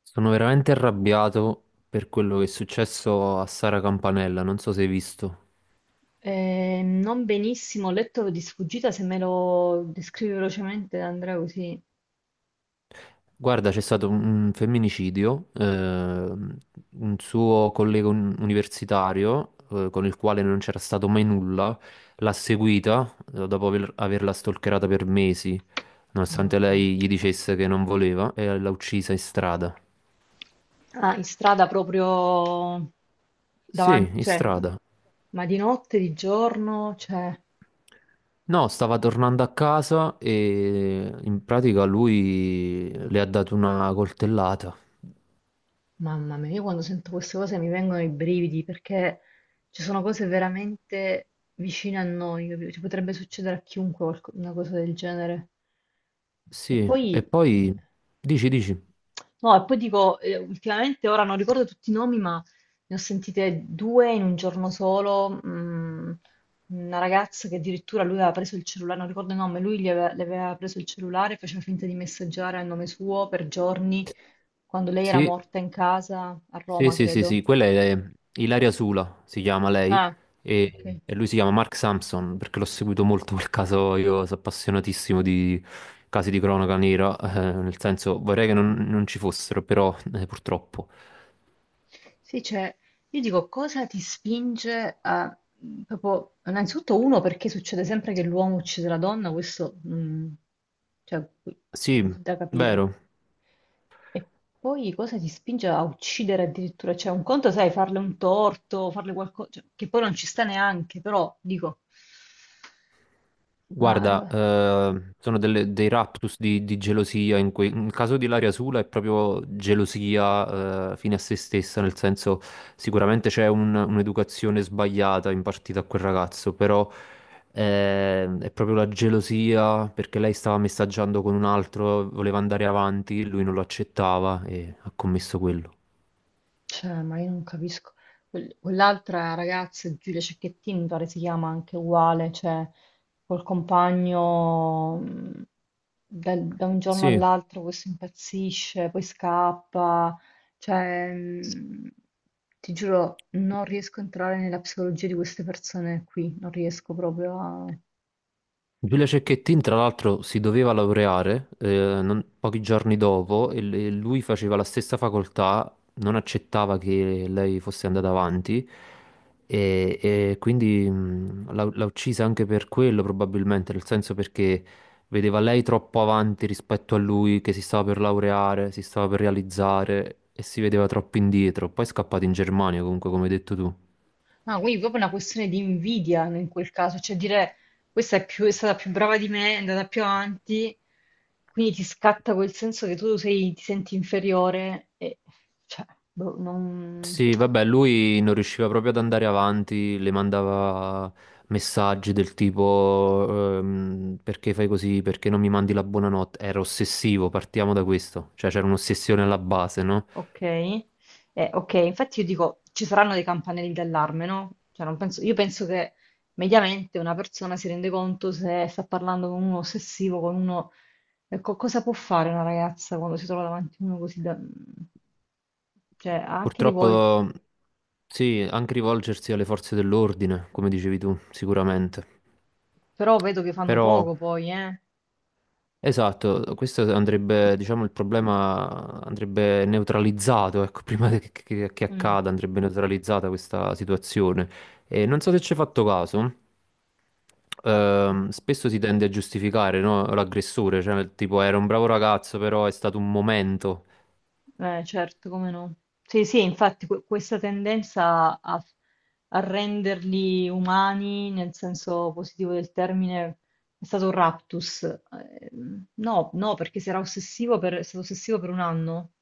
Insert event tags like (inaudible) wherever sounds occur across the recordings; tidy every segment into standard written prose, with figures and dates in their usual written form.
Sono veramente arrabbiato per quello che è successo a Sara Campanella, non so se hai visto. Non benissimo, ho letto di sfuggita, se me lo descrivi velocemente Andrea così. Guarda, c'è stato un femminicidio, un suo universitario, con il quale non c'era stato mai nulla, l'ha seguita, dopo averla stalkerata per mesi, No, nonostante vabbè. lei gli dicesse che non voleva, e l'ha uccisa in strada. Ah, in strada proprio Sì, davanti, in cioè, strada. ma di notte, di giorno, cioè, No, stava tornando a casa e in pratica lui le ha dato una coltellata. mamma mia, io quando sento queste cose mi vengono i brividi perché ci sono cose veramente vicine a noi, capito? Ci potrebbe succedere a chiunque una cosa del genere. E Sì, poi. e poi dici, dici. No, e poi dico, ultimamente ora non ricordo tutti i nomi, ma ne ho sentite due in un giorno solo. Una ragazza che addirittura lui aveva preso il cellulare, non ricordo il nome, lui gli aveva, le aveva preso il cellulare, faceva finta di messaggiare a nome suo per giorni, quando lei era Sì, morta in casa, a sì, Roma, sì, sì, credo. sì, quella è Ilaria Sula, si chiama lei, Ah, ok. e lui si chiama Mark Sampson, perché l'ho seguito molto quel caso, io sono appassionatissimo di casi di cronaca nera, nel senso vorrei che non, non ci fossero, però purtroppo. Sì, cioè, io dico cosa ti spinge a proprio, innanzitutto uno perché succede sempre che l'uomo uccide la donna, questo cioè, Sì, da capire. vero. E poi cosa ti spinge a uccidere addirittura? Cioè, un conto, sai, farle un torto, farle qualcosa, che poi non ci sta neanche, però dico, ma Guarda, arriva. Sono dei raptus di gelosia, in cui, nel caso di Ilaria Sula è proprio gelosia, fine a se stessa, nel senso sicuramente c'è un'educazione sbagliata impartita a quel ragazzo, però è proprio la gelosia perché lei stava messaggiando con un altro, voleva andare avanti, lui non lo accettava e ha commesso quello. Cioè, ma io non capisco. Quell'altra ragazza, Giulia Cecchettini, mi pare si chiama anche uguale, cioè col compagno da, un giorno Sì. all'altro questo impazzisce, poi scappa, cioè ti giuro, non riesco a entrare nella psicologia di queste persone qui, non riesco proprio a... Giulia Cecchettin, tra l'altro, si doveva laureare pochi giorni dopo e e lui faceva la stessa facoltà, non accettava che lei fosse andata avanti e quindi l'ha uccisa anche per quello, probabilmente, nel senso perché vedeva lei troppo avanti rispetto a lui, che si stava per laureare, si stava per realizzare e si vedeva troppo indietro. Poi è scappato in Germania, comunque, come hai detto tu. Ah, quindi proprio una questione di invidia in quel caso, cioè dire questa è, è stata più brava di me, è andata più avanti, quindi ti scatta quel senso che ti senti inferiore e cioè, boh, non... Sì, vabbè, lui non riusciva proprio ad andare avanti, le mandava messaggi del tipo perché fai così, perché non mi mandi la buonanotte. Era ossessivo, partiamo da questo, cioè c'era un'ossessione alla base, no? Ok, eh, ok, infatti io dico, ci saranno dei campanelli d'allarme, no? Cioè, non penso- io penso che mediamente una persona si rende conto se sta parlando con uno ossessivo, con uno... Ecco, cosa può fare una ragazza quando si trova davanti a uno così da... Cioè, anche rivolto... Purtroppo sì, anche rivolgersi alle forze dell'ordine, come dicevi tu, sicuramente. Però vedo che fanno Però poco poi, eh? esatto, questo andrebbe, diciamo, il problema andrebbe neutralizzato, ecco, (laughs) prima che Mm. accada, andrebbe neutralizzata questa situazione. E non so se ci hai fatto caso, Sì. Spesso si tende a giustificare, no, l'aggressore, cioè tipo era un bravo ragazzo, però è stato un momento. Certo, come no. Sì, sì, infatti questa tendenza a renderli umani nel senso positivo del termine è stato un raptus. No, no, perché si era ossessivo per, è stato ossessivo per un anno.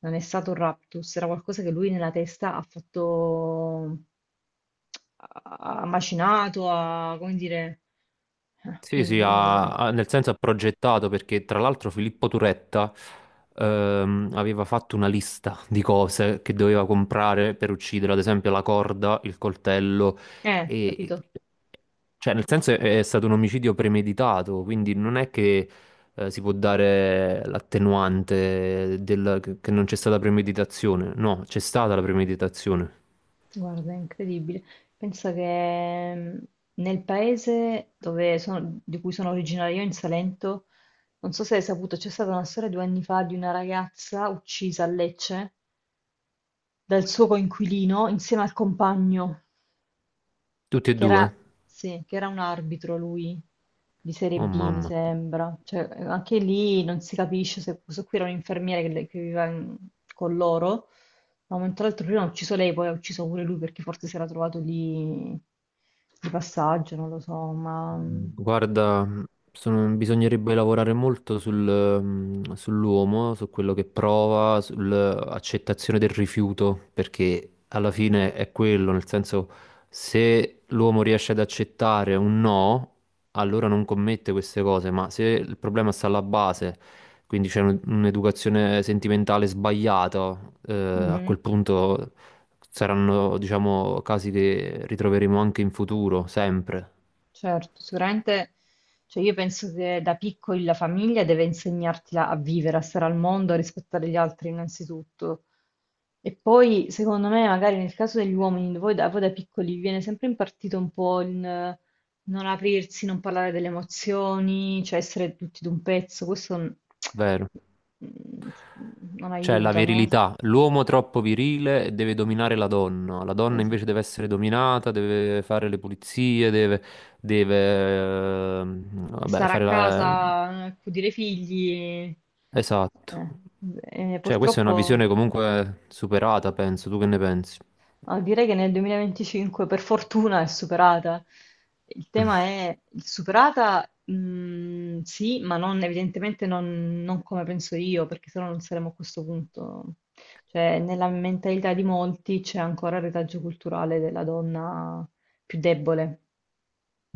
Non è stato un raptus, era qualcosa che lui nella testa ha fatto, ha macinato, ha, come dire, Sì, sì, quindi, nel senso ha progettato perché tra l'altro Filippo Turetta aveva fatto una lista di cose che doveva comprare per uccidere, ad esempio la corda, il coltello e... capito? Cioè, nel senso è stato un omicidio premeditato, quindi non è che si può dare l'attenuante che non c'è stata premeditazione. No, c'è stata la premeditazione. Guarda, è incredibile. Pensa che nel paese dove di cui sono originaria io, in Salento, non so se hai saputo, c'è stata una storia 2 anni fa di una ragazza uccisa a Lecce dal suo coinquilino insieme al compagno. Tutti e Che era, due? sì, che era un arbitro lui, di Serie Oh B, mi mamma. sembra. Cioè, anche lì non si capisce se questo qui era un infermiere che, che viveva con loro. Da un momento all'altro prima ha ucciso lei, poi ha ucciso pure lui perché forse si era trovato lì di passaggio, non lo so, ma... Guarda, sono- bisognerebbe lavorare molto sul, mm, sull'uomo, su quello che prova, sull'accettazione del rifiuto, perché alla fine è quello, nel senso, se l'uomo riesce ad accettare un no, allora non commette queste cose, ma se il problema sta alla base, quindi c'è un'educazione sentimentale sbagliata, a Mhm. quel punto saranno, diciamo, casi che ritroveremo anche in futuro, sempre. Certo, sicuramente, cioè io penso che da piccoli la famiglia deve insegnarti a vivere, a stare al mondo, a rispettare gli altri innanzitutto. E poi, secondo me, magari nel caso degli uomini, voi da piccoli vi viene sempre impartito un po' il non aprirsi, non parlare delle emozioni, cioè essere tutti d'un pezzo, questo Vero. (tsk) Non Cioè la aiuta, no? virilità, l'uomo troppo virile deve dominare la donna invece Esatto. deve essere dominata, deve fare le pulizie, deve, deve, vabbè, Stare a fare la... casa, accudire i figli. Eh, Esatto. eh, Cioè questa è una purtroppo, visione comunque superata, penso, tu che ne pensi? no, direi che nel 2025 per fortuna è superata. Il tema è superata, mm, sì, ma evidentemente non come penso io, perché sennò non saremmo a questo punto. Cioè, nella mentalità di molti c'è ancora il retaggio culturale della donna più debole.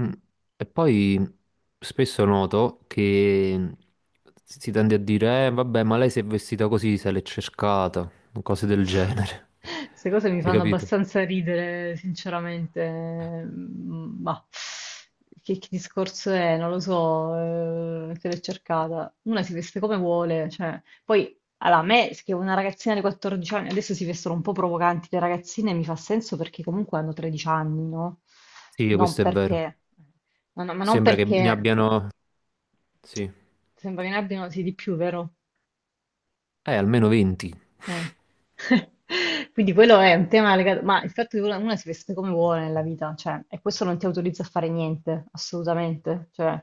Mm. E poi spesso noto che si tende a dire, vabbè, ma lei si è vestita così, se l'è cercata, cose del genere. Queste cose mi (laughs) Hai fanno capito? abbastanza ridere, sinceramente. Ma che discorso è? Non lo so, te l'hai cercata. Una si veste come vuole, cioè. Poi, allora, a me, che una ragazzina di 14 anni, adesso si vestono un po' provocanti le ragazzine, mi fa senso perché comunque hanno 13 anni, no? Sì, Non questo è vero. perché... no, no, ma non Sembra che ne perché... abbiano, sì, Sembra che ne abbiano, sì, di più, vero? Almeno 20. Eh. (laughs) Quindi quello è un tema legato, ma il fatto che uno si veste come vuole nella vita, cioè, e questo non ti autorizza a fare niente, assolutamente. Cioè,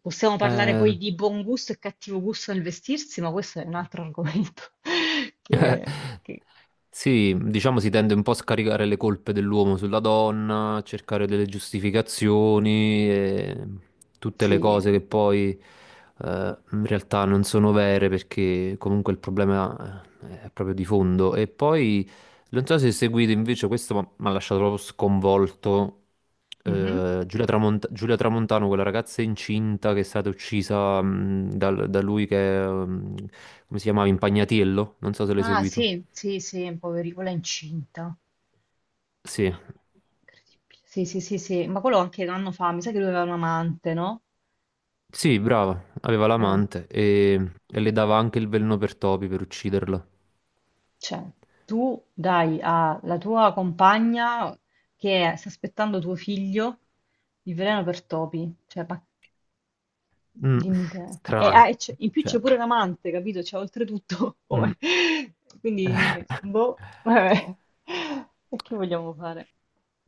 possiamo parlare poi Eh, di buon gusto e cattivo gusto nel vestirsi, ma questo è un altro argomento. (laughs) Che, che- Sì, diciamo si tende un po' a scaricare le colpe dell'uomo sulla donna, a cercare delle giustificazioni e tutte le sì. cose che poi in realtà non sono vere perché comunque il problema è proprio di fondo. E poi non so se seguite invece questo, ma mi ha lasciato proprio sconvolto. Mhm. Eh, Giulia Tramontano, quella ragazza incinta che è stata uccisa da lui che, è, come si chiamava, Impagnatiello, non so se l'hai Ah, seguito. sì, sì, sì, poveri, quella è incinta. Mamma mia, Sì, incredibile. Sì, sì, sì, sì, ma quello anche un anno fa, mi sa che lui aveva un amante, no? sì, brava, aveva Eh. l'amante e le dava anche il veleno per topi per ucciderlo. Cioè, tu dai alla tua compagna che sta aspettando tuo figlio il veleno per topi, cioè, ma Mm, dimmi te. E, strano, ah, e in più c'è cioè, pure l'amante, capito? Cioè, oltretutto, (laughs) mm. Quindi, boh, vabbè. E che vogliamo fare?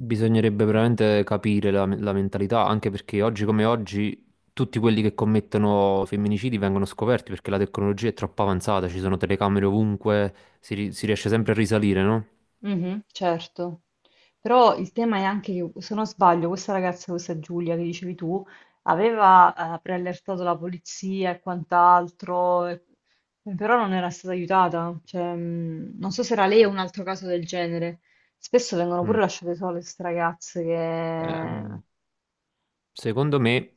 Bisognerebbe veramente capire la, la mentalità, anche perché oggi come oggi tutti quelli che commettono femminicidi vengono scoperti perché la tecnologia è troppo avanzata, ci sono telecamere ovunque, si, si riesce sempre a risalire, no? Mhm, certo, però il tema è anche che, se non sbaglio, questa ragazza, questa Giulia che dicevi tu, aveva preallertato la polizia e quant'altro, però non era stata aiutata. Cioè, non so se era lei o un altro caso del genere. Spesso vengono pure Mm. lasciate sole queste ragazze che... Mm. Secondo me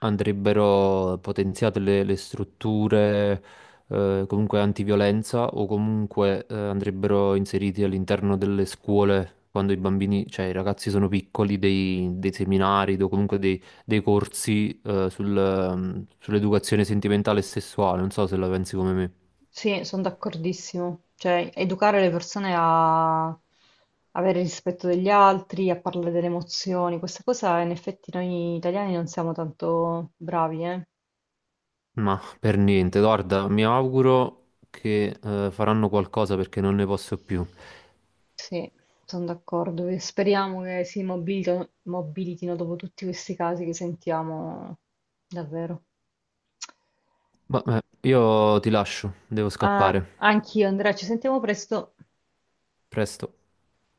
andrebbero potenziate le strutture comunque antiviolenza o comunque andrebbero inseriti all'interno delle scuole quando i bambini, cioè i ragazzi sono piccoli, dei, dei seminari o comunque dei, dei corsi sul, sull'educazione sentimentale e sessuale. Non so se la pensi come me. Sì, sono d'accordissimo. Cioè, educare le persone a avere rispetto degli altri, a parlare delle emozioni, questa cosa in effetti noi italiani non siamo tanto bravi, eh? Ma per niente, guarda, mi auguro che faranno qualcosa perché non ne posso più. Sì, sono d'accordo. E speriamo che si mobilitino dopo tutti questi casi che sentiamo davvero. Vabbè, io ti lascio, devo Ah, scappare. anch'io, Andrea, ci sentiamo presto. Presto.